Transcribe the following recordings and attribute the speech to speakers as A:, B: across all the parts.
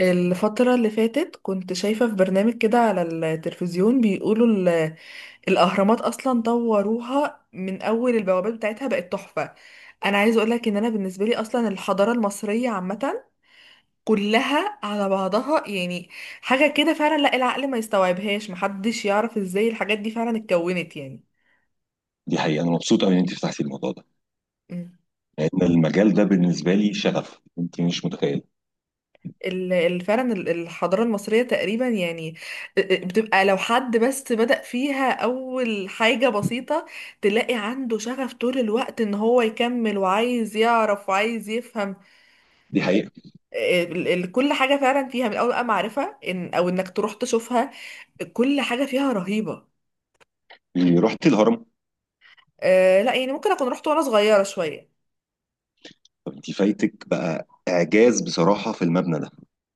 A: الفترة اللي فاتت كنت شايفة في برنامج كده على التلفزيون بيقولوا الأهرامات أصلا طوروها من أول البوابات بتاعتها بقت تحفة. أنا عايزة أقولك إن أنا بالنسبة لي أصلا الحضارة المصرية عامة كلها على بعضها، يعني حاجة كده فعلا لا العقل ما يستوعبهاش، محدش يعرف إزاي الحاجات دي فعلا اتكونت.
B: دي حقيقة، أنا مبسوط أوي إن أنت فتحتي الموضوع ده،
A: يعني
B: لأن المجال ده بالنسبة لي شغف، أنت مش متخيلة.
A: فعلا الحضارة المصرية تقريبا، يعني بتبقى لو حد بس بدأ فيها أول حاجة بسيطة تلاقي عنده شغف طول الوقت إن هو يكمل وعايز يعرف وعايز يفهم.
B: دي حقيقة.
A: كل حاجة فعلا فيها من أول بقى معرفة إن أو إنك تروح تشوفها، كل حاجة فيها رهيبة.
B: رحت الهرم؟
A: آه لا، يعني ممكن أكون رحت وأنا صغيرة شوية.
B: طب أنت فايتك بقى إعجاز بصراحة في المبنى ده.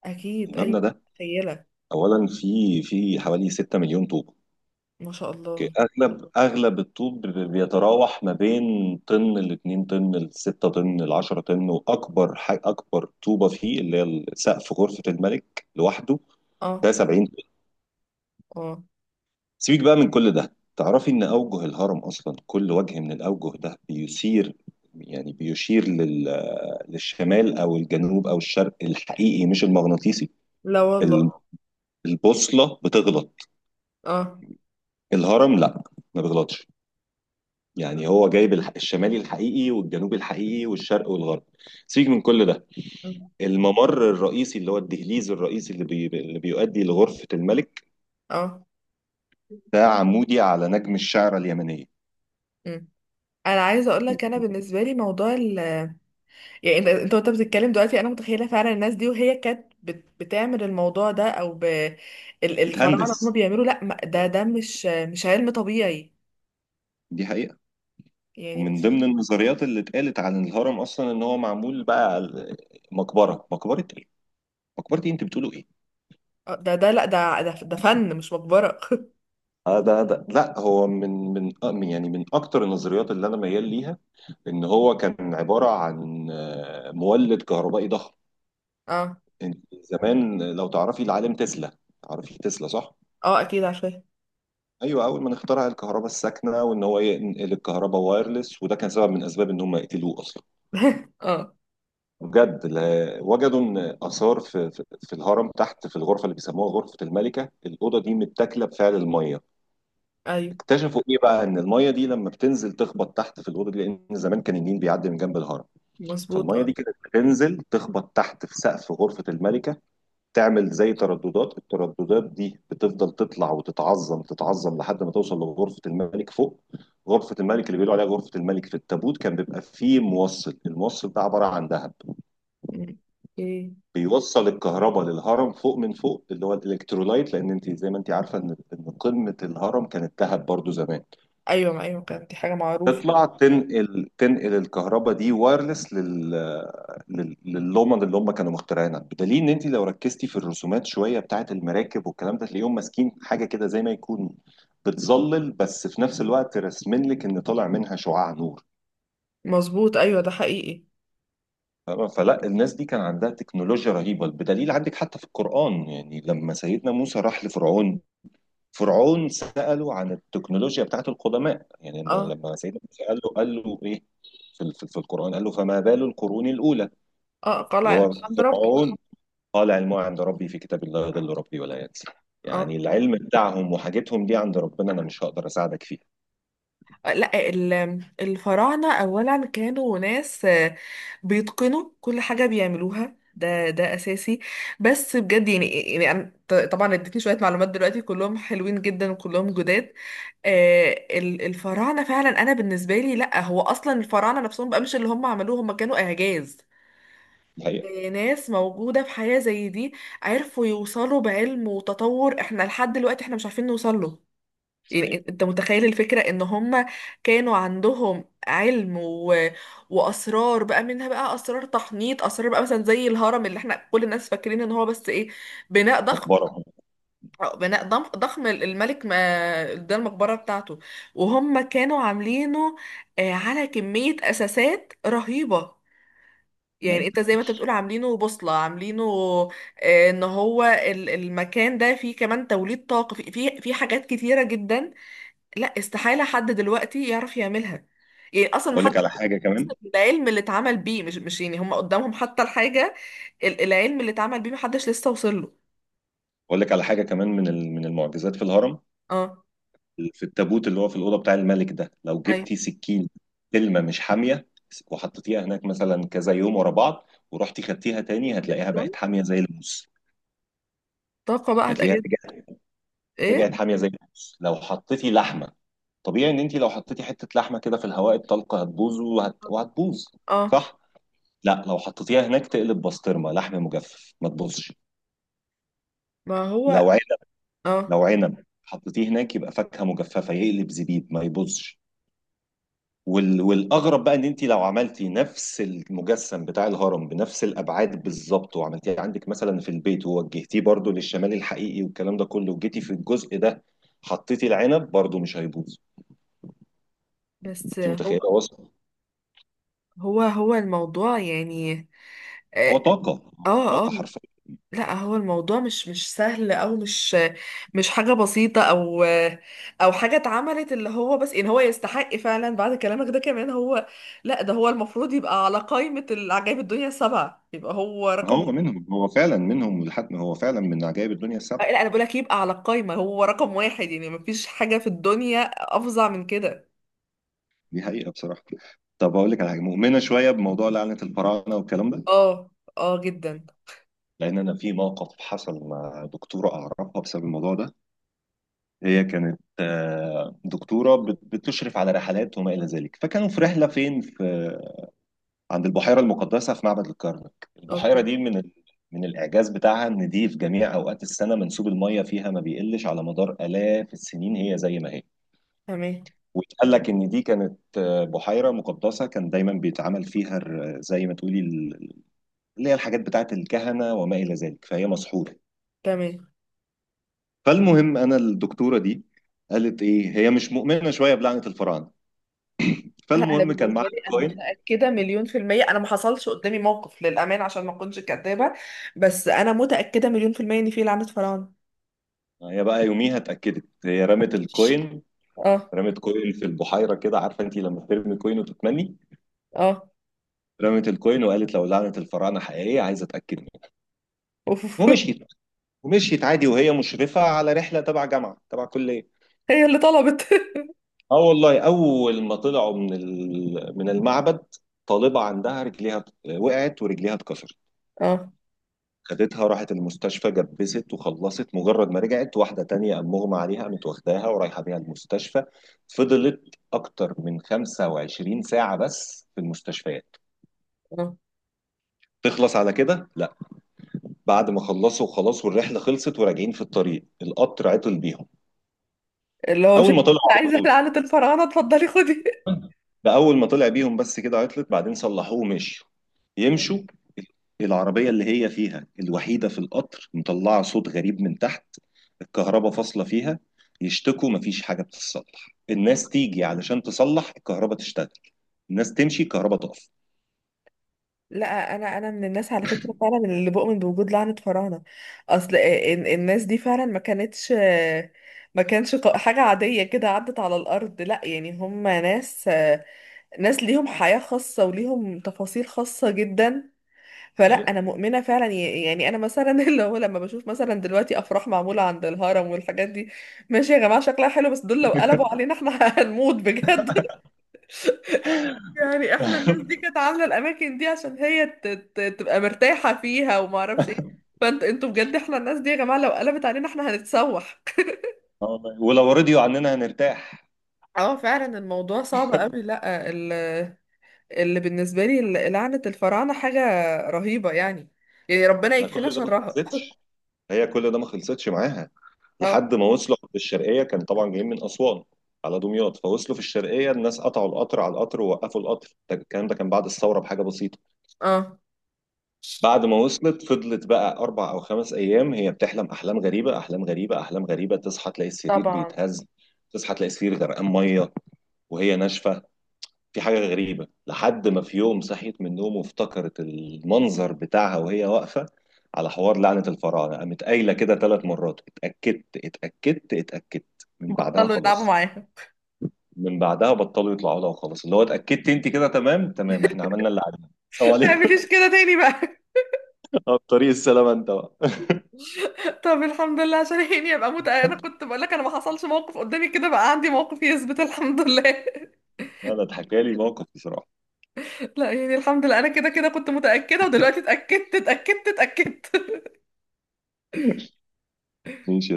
A: أكيد أيوة
B: المبنى ده
A: متخيلة.
B: أولا في حوالي 6 مليون طوب.
A: ما شاء
B: أوكي.
A: الله.
B: أغلب الطوب بيتراوح ما بين طن ل 2 طن ل 6 طن ل 10 طن، وأكبر حاجة، أكبر طوبة فيه اللي هي سقف غرفة الملك لوحده
A: اه.
B: ده 70.
A: اه.
B: سيبك بقى من كل ده، تعرفي ان اوجه الهرم اصلا كل وجه من الاوجه ده بيثير، يعني بيشير للشمال او الجنوب او الشرق الحقيقي مش المغناطيسي.
A: لا
B: ال-
A: والله.
B: البوصله بتغلط،
A: اه.
B: الهرم لا ما بيغلطش، يعني هو جايب الشمالي الحقيقي والجنوبي الحقيقي والشرق والغرب. سيبك من كل ده. الممر الرئيسي اللي هو الدهليز الرئيسي اللي بيؤدي لغرفه الملك
A: اه.
B: ده عمودي على نجم الشعره اليمنيه.
A: آه. انا عايزه اقول لك انا بالنسبه لي موضوع يعني انت وانت بتتكلم دلوقتي انا متخيله فعلا الناس دي وهي كانت بتعمل الموضوع ده الفراعنه هم
B: بتهندس.
A: بيعملوا، لا ده مش علم طبيعي،
B: دي حقيقه.
A: يعني
B: ومن
A: مش.
B: ضمن النظريات اللي اتقالت عن الهرم اصلا ان هو معمول بقى على مقبره، مقبره ايه مقبره ايه انت بتقولوا ايه؟
A: ده لا ده فن مش مقبره.
B: آه، ده ده لا، هو من من آه، من- يعني من اكتر النظريات اللي انا ميال ليها ان هو كان عباره عن مولد كهربائي ضخم.
A: اه.
B: انت زمان لو تعرفي العالم تسلا، تعرفي تسلا صح؟
A: اه اكيد عارفاه.
B: ايوه، اول ما اخترع الكهرباء الساكنه وان هو ينقل الكهرباء وايرلس، وده كان سبب من اسباب ان هم يقتلوه اصلا.
A: اه.
B: بجد، وجدوا ان اثار في الهرم تحت في الغرفه اللي بيسموها غرفه الملكه، الاوضه دي متاكله بفعل الميه.
A: ايوه
B: اكتشفوا ايه بقى؟ ان الميه دي لما بتنزل تخبط تحت في الاوضه دي، لان زمان كان النيل بيعدي من جنب الهرم،
A: مظبوط
B: فالميه
A: اه.
B: دي كانت بتنزل تخبط تحت في سقف غرفه الملكه، تعمل زي ترددات، الترددات دي بتفضل تطلع وتتعظم، تتعظم لحد ما توصل لغرفه الملك فوق. غرفه الملك اللي بيقولوا عليها غرفه الملك في التابوت كان بيبقى فيه موصل، الموصل ده عباره عن ذهب،
A: مم. اوكي.
B: بيوصل الكهرباء للهرم فوق من فوق اللي هو الالكترولايت، لان انت زي ما انت عارفه ان قمه الهرم كانت ذهب برضو زمان،
A: ايوه ما ايوه، كانت دي حاجه معروفه.
B: تطلع تنقل، تنقل الكهرباء دي وايرلس لللومن اللي هم كانوا مخترعينها، بدليل ان انت لو ركزتي في الرسومات شويه بتاعت المراكب والكلام ده، تلاقيهم ماسكين حاجه كده زي ما يكون بتظلل، بس في نفس الوقت راسمين لك ان طالع منها شعاع نور.
A: مظبوط ايوه ده حقيقي.
B: فاهمة؟ فلا، الناس دي كان عندها تكنولوجيا رهيبة، بدليل عندك حتى في القرآن، يعني لما سيدنا موسى راح لفرعون، فرعون سأله عن التكنولوجيا بتاعت القدماء، يعني لما
A: اه.
B: لما سيدنا موسى قال له ايه في القرآن؟ قال له فما بال القرون الأولى،
A: اه
B: اللي
A: قلع
B: هو
A: الحمد ربي.
B: فرعون، قال علمها عند ربي في كتاب لا يضل ربي ولا ينسى.
A: اه.
B: يعني العلم بتاعهم وحاجتهم دي عند ربنا، أنا مش هقدر أساعدك فيها.
A: لا، الفراعنة أولا كانوا ناس بيتقنوا كل حاجة بيعملوها، ده أساسي. بس بجد، يعني يعني أنا طبعا اديتني شوية معلومات دلوقتي كلهم حلوين جدا وكلهم جداد. آه، الفراعنة فعلا أنا بالنسبة لي لا هو أصلا الفراعنة نفسهم بقى مش اللي هم عملوه، هم كانوا إعجاز.
B: صحيح.
A: ناس موجودة في حياة زي دي عرفوا يوصلوا بعلم وتطور احنا لحد دلوقتي احنا مش عارفين نوصل له. يعني
B: صحيح.
A: انت متخيل الفكرة ان هم كانوا عندهم علم. واسرار بقى، منها بقى اسرار تحنيط، اسرار بقى مثلا زي الهرم اللي احنا كل الناس فاكرين ان هو بس ايه، بناء ضخم.
B: مقبرة أهو.
A: ضخم الملك، ما ده المقبرة بتاعته وهم كانوا عاملينه على كمية اساسات رهيبة، يعني
B: أيوة.
A: انت زي ما انت بتقول عاملينه بوصلة، عاملينه ان هو المكان ده فيه كمان توليد طاقة، فيه حاجات كتيرة جدا. لا استحالة حد دلوقتي يعرف يعملها. يعني اصلا ما
B: أقول لك
A: حدش
B: على حاجة كمان.
A: بيوصل للعلم اللي اتعمل بيه، مش يعني هم قدامهم حتى الحاجة، العلم اللي اتعمل بيه ما حدش لسه وصل له.
B: أقول لك على حاجة كمان من من المعجزات في الهرم.
A: اه.
B: في التابوت اللي هو في الأوضة بتاع الملك ده، لو
A: اي.
B: جبتي سكين سلمة مش حامية وحطيتيها هناك مثلا كذا يوم ورا بعض، ورحتي خدتيها تاني، هتلاقيها بقت حامية زي الموس.
A: طاقة بقى
B: هتلاقيها
A: هتجد.
B: رجعت،
A: ايه.
B: رجعت حامية زي الموس. لو حطيتي لحمة، طبيعي ان انت لو حطيتي حتة لحمة كده في الهواء الطلق هتبوظ، وهتبوظ
A: اه.
B: صح؟ لا، لو حطيتيها هناك تقلب بسطرمة، لحم مجفف ما تبوظش.
A: ما هو.
B: لو عنب،
A: اه
B: لو عنب حطيتيه هناك يبقى فاكهة مجففة، يقلب زبيب، ما يبوظش. والاغرب بقى ان انت لو عملتي نفس المجسم بتاع الهرم بنفس الابعاد بالظبط، وعملتيه عندك مثلا في البيت، ووجهتيه برضو للشمال الحقيقي والكلام ده كله، وجيتي في الجزء ده حطيتي العنب، برضو مش هيبوظ.
A: بس
B: انت
A: هو.
B: متخيله وصل؟
A: هو الموضوع، يعني. اه.
B: هو طاقه،
A: اه آه.
B: طاقه حرفيا.
A: لا هو الموضوع مش سهل او مش، مش حاجه بسيطه، او او حاجه اتعملت، اللي هو بس ان هو يستحق فعلا بعد كلامك ده كمان. هو لا، ده هو المفروض يبقى على قائمه العجائب الدنيا السبعه، يبقى هو رقم
B: هو
A: واحد.
B: منهم، هو فعلا منهم، ولحد هو فعلا من عجائب الدنيا السبعه.
A: لا انا بقول لك يبقى على القائمه هو رقم واحد، يعني مفيش حاجه في الدنيا افظع من كده.
B: دي حقيقه بصراحه. طب اقول لك على حاجه، مؤمنه شويه بموضوع لعنه الفراعنه والكلام ده؟
A: اه. اه جدا.
B: لان انا في موقف حصل مع دكتوره اعرفها بسبب الموضوع ده.
A: م.
B: هي كانت دكتورة بتشرف على رحلات وما إلى ذلك، فكانوا في رحلة فين في عند البحيرة المقدسة في معبد الكرنك.
A: اوكي.
B: البحيرة دي من الإعجاز بتاعها إن دي في جميع أوقات السنة منسوب المية فيها ما بيقلش، على مدار 1000 السنين هي زي ما هي.
A: تمام.
B: واتقال لك إن دي كانت بحيرة مقدسة، كان دايما بيتعمل فيها زي ما تقولي اللي هي الحاجات بتاعت الكهنة وما إلى ذلك، فهي مسحورة.
A: تمام.
B: فالمهم أنا، الدكتورة دي قالت إيه، هي مش مؤمنة شوية بلعنة الفراعنة.
A: لا انا
B: فالمهم كان معاها
A: بالنسبه لي انا
B: الكوين،
A: متاكده مليون في الميه، انا ما حصلش قدامي موقف للامانه عشان ما اكونش كدابه، بس انا متاكده مليون في الميه ان في لعنه فراعنه.
B: هي بقى يوميها اتأكدت، هي رمت الكوين.
A: اه.
B: رمت كوين في البحيرة كده، عارفة انت لما ترمي كوين وتتمني؟
A: اه.
B: رمت الكوين وقالت لو لعنة الفراعنة حقيقية عايزة اتأكد منها.
A: أوف.
B: ومشيت، ومشيت عادي وهي مشرفة على رحلة تبع جامعة تبع كلية.
A: هي اللي طلبت.
B: اه والله، اول ما طلعوا من من المعبد، طالبة عندها رجليها، وقعت ورجليها اتكسرت.
A: اه.
B: خدتها راحت المستشفى جبست وخلصت، مجرد ما رجعت واحدة تانية قام مغمى عليها، قامت واخداها ورايحة بيها المستشفى. فضلت أكتر من 25 ساعة بس في المستشفيات.
A: اه.
B: تخلص على كده؟ لا. بعد ما خلصوا وخلاص والرحلة خلصت وراجعين في الطريق، القطر عطل بيهم.
A: اللي هو مش
B: أول ما
A: انت
B: طلعوا،
A: قلت
B: على
A: عايزه
B: طول.
A: لعنه الفراعنه اتفضلي خدي؟
B: ده أول ما طلع بيهم بس كده عطلت، بعدين صلحوه ومشوا. يمشوا، العربية اللي هي فيها الوحيدة في القطر مطلعة صوت غريب من تحت، الكهرباء فاصلة فيها، يشتكوا مفيش حاجة بتتصلح، الناس تيجي علشان تصلح الكهرباء تشتغل، الناس تمشي الكهرباء تقف.
A: لا انا من الناس على فكره فعلا اللي بؤمن بوجود لعنه فراعنه. اصل الناس دي فعلا ما كانتش، ما كانش حاجه عاديه كده عدت على الارض، لا يعني هم ناس، ناس ليهم حياة خاصة وليهم تفاصيل خاصة جدا. فلا
B: يعني
A: أنا مؤمنة فعلا يعني أنا مثلا اللي هو لما بشوف مثلا دلوقتي أفراح معمولة عند الهرم والحاجات دي، ماشي يا جماعة شكلها حلو، بس دول لو قلبوا علينا احنا هنموت بجد. يعني احنا الناس دي
B: آه
A: كانت عاملة الأماكن دي عشان هي تبقى مرتاحة فيها وما أعرفش ايه. فانت انتوا بجد، احنا الناس دي يا جماعة لو قلبت علينا احنا هنتسوح.
B: والله. ولو رضيوا عننا هنرتاح.
A: اه فعلا الموضوع صعب قوي، لا اللي بالنسبة لي لعنة الفراعنة حاجة رهيبة، يعني يعني ربنا
B: ده
A: يكفينا
B: كل ده ما
A: شرها.
B: خلصتش، هي كل ده ما خلصتش معاها
A: اه.
B: لحد ما وصلوا في الشرقية، كان طبعا جايين من أسوان على دمياط، فوصلوا في الشرقية الناس قطعوا القطر على القطر ووقفوا القطر، الكلام ده كان بعد الثورة بحاجة بسيطة.
A: اه
B: بعد ما وصلت، فضلت بقى أربع أو خمس أيام هي بتحلم أحلام غريبة، تصحى تلاقي السرير
A: طبعا.
B: بيتهز، تصحى تلاقي السرير غرقان مية وهي ناشفة، في حاجة غريبة. لحد ما في يوم صحيت من النوم وافتكرت المنظر بتاعها وهي واقفة على حوار لعنة الفراعنة، قامت قايلة كده ثلاث مرات، اتأكدت اتأكدت اتأكدت، من بعدها
A: بطلوا يلعبوا
B: خلاص.
A: معاها.
B: من بعدها بطلوا يطلعوا لها وخلاص، اللي هو اتأكدت انت كده، تمام تمام، احنا عملنا اللي علينا، السلام
A: ما تعمليش
B: عليكم.
A: كده تاني بقى.
B: طريق السلامة انت بقى.
A: طب الحمد لله عشان هيني ابقى موت، انا كنت بقول لك انا ما حصلش موقف قدامي، كده بقى عندي موقف يثبت الحمد لله.
B: هذا اتحكى لي موقف بصراحة.
A: لا يعني الحمد لله انا كده كده كنت متأكدة ودلوقتي اتأكدت اتأكدت اتأكدت.
B: ماشي.